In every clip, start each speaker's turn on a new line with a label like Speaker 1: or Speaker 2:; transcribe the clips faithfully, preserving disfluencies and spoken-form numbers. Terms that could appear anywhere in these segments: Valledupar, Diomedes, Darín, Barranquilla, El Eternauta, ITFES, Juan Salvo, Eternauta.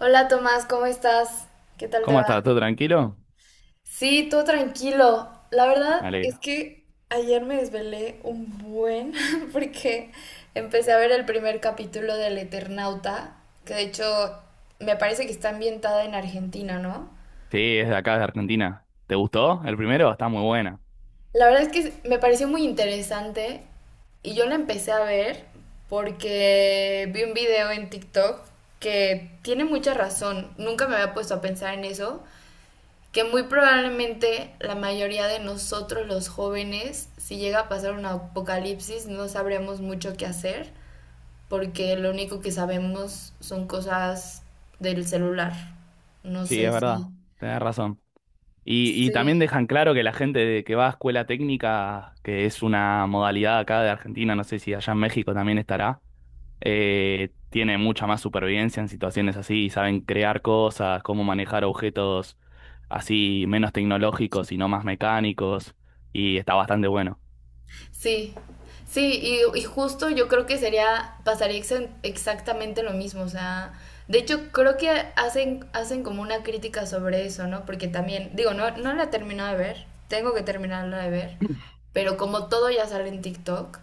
Speaker 1: Hola Tomás, ¿cómo estás? ¿Qué tal te
Speaker 2: ¿Cómo
Speaker 1: va?
Speaker 2: estás? ¿Todo tranquilo?
Speaker 1: Sí, todo tranquilo. La
Speaker 2: Me
Speaker 1: verdad es
Speaker 2: alegro.
Speaker 1: que ayer me desvelé un buen porque empecé a ver el primer capítulo del Eternauta, que de hecho me parece que está ambientada en Argentina, ¿no?
Speaker 2: Sí, es de acá, de Argentina. ¿Te gustó? El primero está muy buena.
Speaker 1: La verdad es que me pareció muy interesante y yo la empecé a ver porque vi un video en TikTok que tiene mucha razón. Nunca me había puesto a pensar en eso, que muy probablemente la mayoría de nosotros los jóvenes, si llega a pasar un apocalipsis, no sabríamos mucho qué hacer, porque lo único que sabemos son cosas del celular. No
Speaker 2: Sí,
Speaker 1: sé
Speaker 2: es verdad.
Speaker 1: si...
Speaker 2: Tenés razón. Y, y también
Speaker 1: Sí.
Speaker 2: dejan claro que la gente de- que va a escuela técnica, que es una modalidad acá de Argentina, no sé si allá en México también estará, eh, tiene mucha más supervivencia en situaciones así, y saben crear cosas, cómo manejar objetos así menos tecnológicos y no más mecánicos, y está bastante bueno.
Speaker 1: Sí, sí, y, y justo yo creo que sería, pasaría exa- exactamente lo mismo, o sea, de hecho creo que hacen, hacen como una crítica sobre eso, ¿no? Porque también, digo, no, no la he terminado de ver, tengo que terminarla de ver, pero como todo ya sale en TikTok,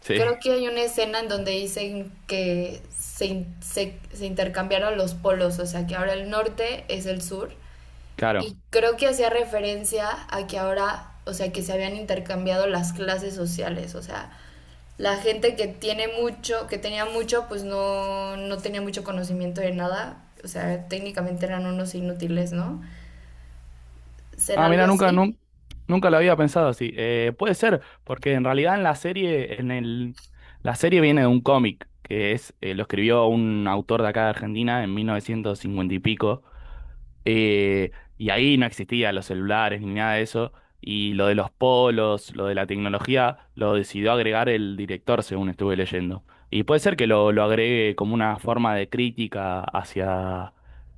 Speaker 2: Sí,
Speaker 1: creo que hay una escena en donde dicen que se, in- se, se intercambiaron los polos, o sea, que ahora el norte es el sur y
Speaker 2: claro.
Speaker 1: creo que hacía referencia a que ahora, o sea, que se habían intercambiado las clases sociales, o sea, la gente que tiene mucho, que tenía mucho, pues no, no tenía mucho conocimiento de nada, o sea, técnicamente eran unos inútiles, ¿no? ¿Será
Speaker 2: Ah,
Speaker 1: algo
Speaker 2: mira, nunca,
Speaker 1: así?
Speaker 2: nun- nunca, lo había pensado así. Eh, puede ser, porque en realidad en la serie, en el, la serie viene de un cómic, que es, eh, lo escribió un autor de acá de Argentina en mil novecientos cincuenta y pico, eh, y ahí no existían los celulares ni nada de eso. Y lo de los polos, lo de la tecnología, lo decidió agregar el director, según estuve leyendo. Y puede ser que lo, lo agregue como una forma de crítica hacia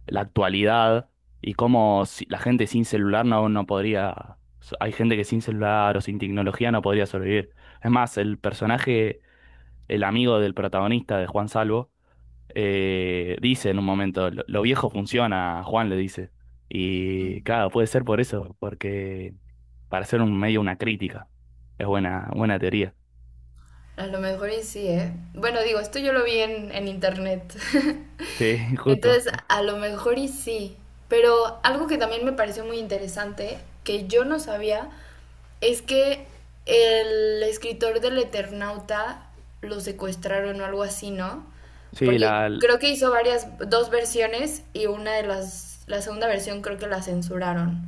Speaker 2: la actualidad y cómo si- la gente sin celular no, no podría... so, Hay gente que sin celular o sin tecnología no podría sobrevivir. Es más, el personaje, el amigo del protagonista de Juan Salvo, eh, dice en un momento, lo, lo viejo funciona, Juan le dice. Y claro, puede ser por eso, porque para hacer un medio una crítica. Es buena, buena teoría.
Speaker 1: A lo mejor y sí, ¿eh? Bueno, digo, esto yo lo vi en, en internet.
Speaker 2: Sí, justo.
Speaker 1: Entonces, a lo mejor y sí. Pero algo que también me pareció muy interesante, que yo no sabía, es que el escritor del Eternauta lo secuestraron o algo así, ¿no?
Speaker 2: Sí,
Speaker 1: Porque
Speaker 2: la,
Speaker 1: creo que hizo varias, dos versiones y una de las, la segunda versión creo que la censuraron,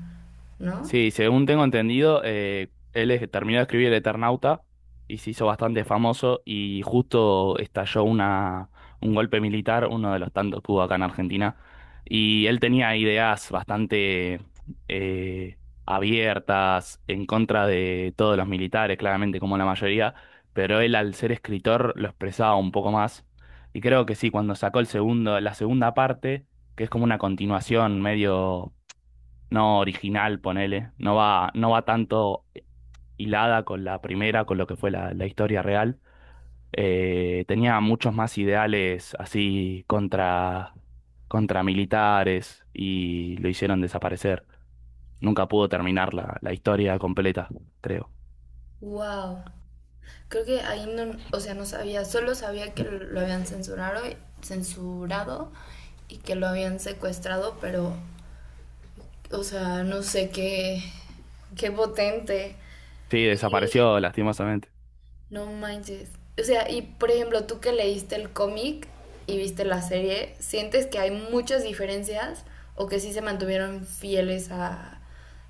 Speaker 1: ¿no?
Speaker 2: Sí, según tengo entendido, eh, él es- terminó de escribir El Eternauta y se hizo bastante famoso y justo estalló una, un golpe militar, uno de los tantos que hubo acá en Argentina. Y él tenía ideas bastante eh, abiertas en contra de todos los militares, claramente como la mayoría, pero él al ser escritor lo expresaba un poco más. Y creo que sí, cuando sacó el segundo, la segunda parte, que es como una continuación medio no original, ponele, no va, no va tanto hilada con la primera, con lo que fue la, la historia real. Eh, tenía muchos más ideales así contra, contra militares y lo hicieron desaparecer. Nunca pudo terminar la, la historia completa, creo.
Speaker 1: Wow. Creo que ahí no, o sea, no sabía, solo sabía que lo habían censurado, censurado y que lo habían secuestrado, pero, o sea, no sé qué, qué potente.
Speaker 2: Sí, desapareció lastimosamente.
Speaker 1: No manches. O sea, y por ejemplo, tú que leíste el cómic y viste la serie, ¿sientes que hay muchas diferencias o que sí se mantuvieron fieles a,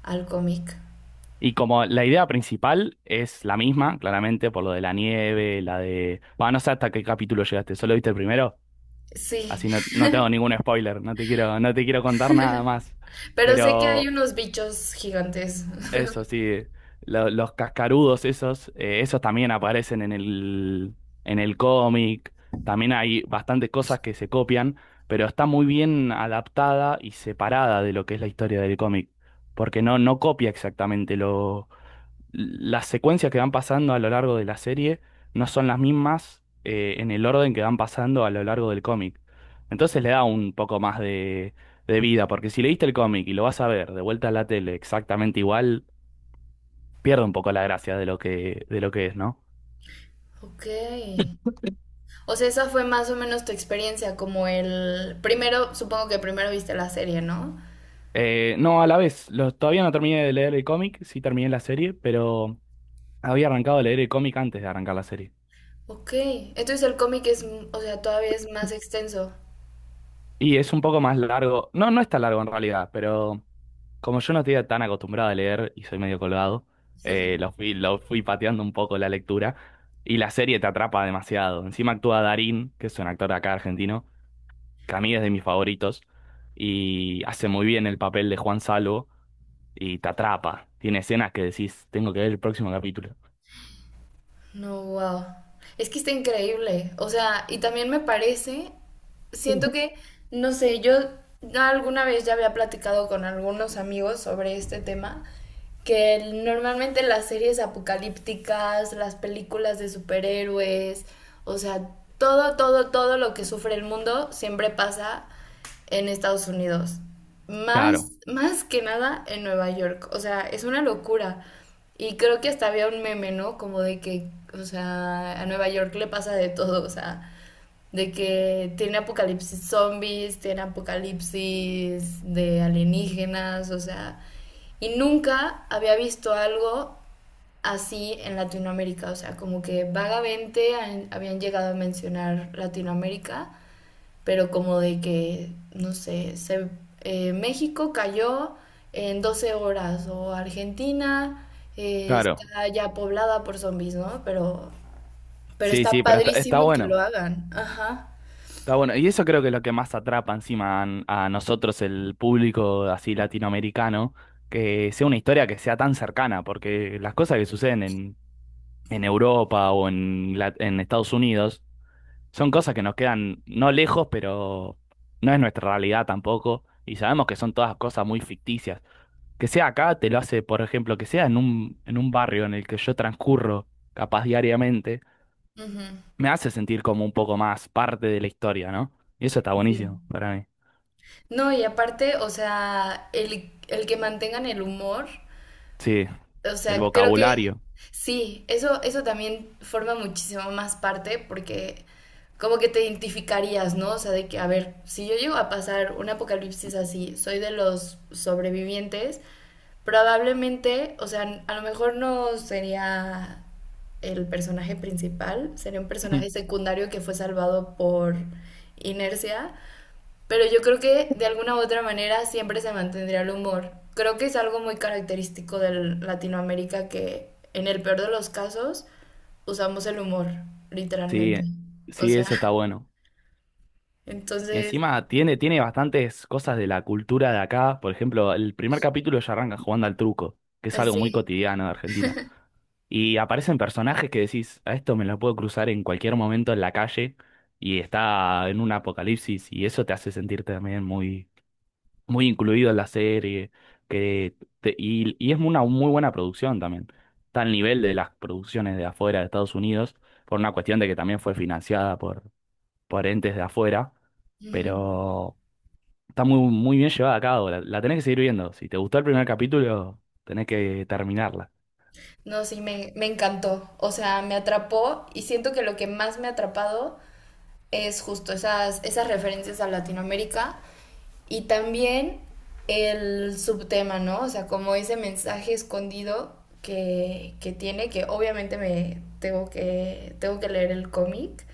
Speaker 1: al cómic?
Speaker 2: Y como la idea principal es la misma, claramente, por lo de la nieve, la de... Bueno, no sé hasta qué capítulo llegaste, ¿solo viste el primero?
Speaker 1: Sí,
Speaker 2: Así no, no te hago ningún spoiler, no te quiero, no te quiero contar nada más.
Speaker 1: pero sé que hay
Speaker 2: Pero
Speaker 1: unos bichos gigantes.
Speaker 2: eso sí, lo- los cascarudos esos, eh, esos también aparecen en el, en el cómic. También hay bastantes cosas que se copian, pero está muy bien adaptada y separada de lo que es la historia del cómic. Porque no, no copia exactamente las secuencias que van pasando a lo largo de la serie no son las mismas eh, en el orden que van pasando a lo largo del cómic. Entonces le da un poco más de, de vida, porque si leíste el cómic y lo vas a ver de vuelta a la tele exactamente igual, pierde un poco la gracia de lo que, de lo que es, ¿no?
Speaker 1: Ok. O sea, esa fue más o menos tu experiencia, como el... Primero, supongo que primero viste la serie, ¿no?
Speaker 2: Eh, no, a la vez, lo- todavía no terminé de leer el cómic, sí terminé la serie, pero había arrancado a leer el cómic antes de arrancar la serie.
Speaker 1: Ok. Entonces el cómic es, o sea, todavía es más extenso.
Speaker 2: Y es un poco más largo. No, no es tan largo en realidad, pero como yo no estoy tan acostumbrado a leer y soy medio colgado, eh, lo fui, lo fui pateando un poco la lectura y la serie te atrapa demasiado. Encima actúa Darín, que es un actor acá argentino, que a mí es de mis favoritos, y hace muy bien el papel de Juan Salvo y te atrapa. Tiene escenas que decís, tengo que ver el próximo capítulo.
Speaker 1: No, wow. Es que está increíble. O sea, y también me parece, siento que, no sé, yo alguna vez ya había platicado con algunos amigos sobre este tema, que normalmente las series apocalípticas, las películas de superhéroes, o sea, todo, todo, todo lo que sufre el mundo siempre pasa en Estados Unidos. Más,
Speaker 2: Claro,
Speaker 1: más que nada en Nueva York. O sea, es una locura. Y creo que hasta había un meme, ¿no? Como de que, o sea, a Nueva York le pasa de todo, o sea, de que tiene apocalipsis zombies, tiene apocalipsis de alienígenas, o sea, y nunca había visto algo así en Latinoamérica, o sea, como que vagamente han- habían llegado a mencionar Latinoamérica, pero como de que, no sé, se, eh, México cayó en doce horas o Argentina eh,
Speaker 2: claro.
Speaker 1: está ya poblada por zombies, ¿no? Pero, pero
Speaker 2: Sí,
Speaker 1: está
Speaker 2: sí, pero está, está
Speaker 1: padrísimo que lo
Speaker 2: bueno.
Speaker 1: hagan. Ajá.
Speaker 2: Está bueno, y eso creo que es lo que más atrapa encima a, a nosotros, el público así latinoamericano, que sea una historia que sea tan cercana, porque las cosas que suceden en, en Europa o en, la- en Estados Unidos son cosas que nos quedan no lejos, pero no es nuestra realidad tampoco, y sabemos que son todas cosas muy ficticias. Que sea acá te lo hace, por ejemplo, que sea en un, en un barrio en el que yo transcurro capaz diariamente,
Speaker 1: Ujú.
Speaker 2: me hace sentir como un poco más parte de la historia, ¿no? Y eso está
Speaker 1: Sí.
Speaker 2: buenísimo para mí.
Speaker 1: No, y aparte, o sea, el, el que mantengan el humor.
Speaker 2: Sí,
Speaker 1: O
Speaker 2: el
Speaker 1: sea, creo que
Speaker 2: vocabulario.
Speaker 1: sí, eso, eso también forma muchísimo más parte porque como que te identificarías, ¿no? O sea, de que, a ver, si yo llego a pasar un apocalipsis así, soy de los sobrevivientes, probablemente, o sea, a lo mejor no sería el personaje principal, sería un personaje secundario que fue salvado por inercia, pero yo creo que de alguna u otra manera siempre se mantendría el humor. Creo que es algo muy característico de Latinoamérica que en el peor de los casos usamos el humor,
Speaker 2: Sí,
Speaker 1: literalmente. O
Speaker 2: sí,
Speaker 1: sea,
Speaker 2: eso está bueno. Y
Speaker 1: entonces,
Speaker 2: encima tiene, tiene bastantes cosas de la cultura de acá. Por ejemplo, el primer capítulo ya arranca jugando al truco, que es algo muy
Speaker 1: así.
Speaker 2: cotidiano de Argentina. Y aparecen personajes que decís, a esto me lo puedo cruzar en cualquier momento en la calle y está en un apocalipsis y eso te hace sentir también muy... muy incluido en la serie, que te- y, y es una muy buena producción también. Está al nivel de las producciones de afuera de Estados Unidos, por una cuestión de que también fue financiada por, por entes de afuera,
Speaker 1: Ujú.
Speaker 2: pero está muy, muy bien llevada a cabo. La, la tenés que seguir viendo. Si te gustó el primer capítulo, tenés que terminarla.
Speaker 1: No, sí, me, me encantó. O sea, me atrapó y siento que lo que más me ha atrapado es justo esas, esas referencias a Latinoamérica y también el subtema, ¿no? O sea, como ese mensaje escondido que, que tiene, que obviamente me tengo que, tengo que leer el cómic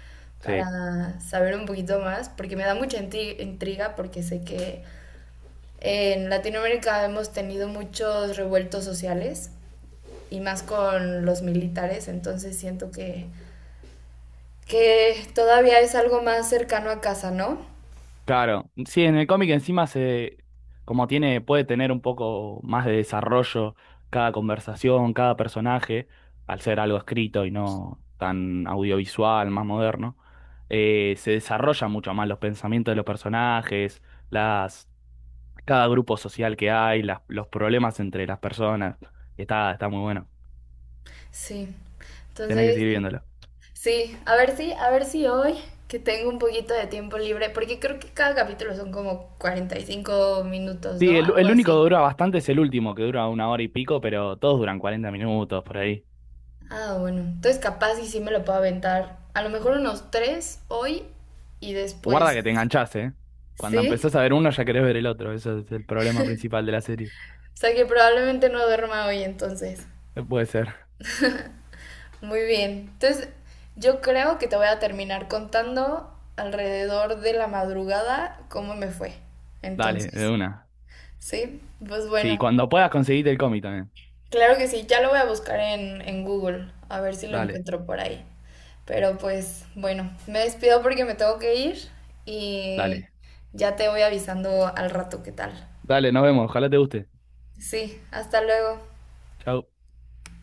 Speaker 2: Sí.
Speaker 1: para saber un poquito más, porque me da mucha intri- intriga, porque sé que en Latinoamérica hemos tenido muchos revueltos sociales y más con los militares, entonces siento que, que todavía es algo más cercano a casa, ¿no?
Speaker 2: Claro, sí, en el cómic encima se, como tiene, puede tener un poco más de desarrollo cada conversación, cada personaje, al ser algo escrito y no tan audiovisual, más moderno, eh, se desarrollan mucho más los pensamientos de los personajes, las, cada grupo social que hay, las- los problemas entre las personas. Está, está muy bueno.
Speaker 1: Sí.
Speaker 2: Tenés que
Speaker 1: Entonces,
Speaker 2: seguir viéndolo.
Speaker 1: sí, a ver si, a ver si hoy que tengo un poquito de tiempo libre, porque creo que cada capítulo son como cuarenta y cinco minutos,
Speaker 2: Sí,
Speaker 1: ¿no?
Speaker 2: el,
Speaker 1: Algo
Speaker 2: el único que
Speaker 1: así.
Speaker 2: dura bastante es el último, que dura una hora y pico, pero todos duran cuarenta minutos por ahí.
Speaker 1: Ah, bueno. Entonces capaz y sí me lo puedo aventar. A lo mejor unos tres hoy y
Speaker 2: Guarda
Speaker 1: después.
Speaker 2: que te enganchás, ¿eh? Cuando empezás
Speaker 1: ¿Sí?
Speaker 2: a ver uno ya querés ver el otro. Eso es el problema principal de la serie.
Speaker 1: O sea que probablemente no duerma hoy entonces.
Speaker 2: Eh, Puede ser.
Speaker 1: Muy bien. Entonces yo creo que te voy a terminar contando alrededor de la madrugada cómo me fue.
Speaker 2: Dale, de
Speaker 1: Entonces.
Speaker 2: una.
Speaker 1: ¿Sí? Pues
Speaker 2: Sí,
Speaker 1: bueno.
Speaker 2: cuando puedas conseguirte el cómic también.
Speaker 1: Claro que sí, ya lo voy a buscar en, en Google, a ver si lo
Speaker 2: Dale,
Speaker 1: encuentro por ahí. Pero pues bueno, me despido porque me tengo que ir y
Speaker 2: dale.
Speaker 1: ya te voy avisando al rato qué tal.
Speaker 2: Dale, nos vemos. Ojalá te guste.
Speaker 1: Sí, hasta luego.
Speaker 2: Chau.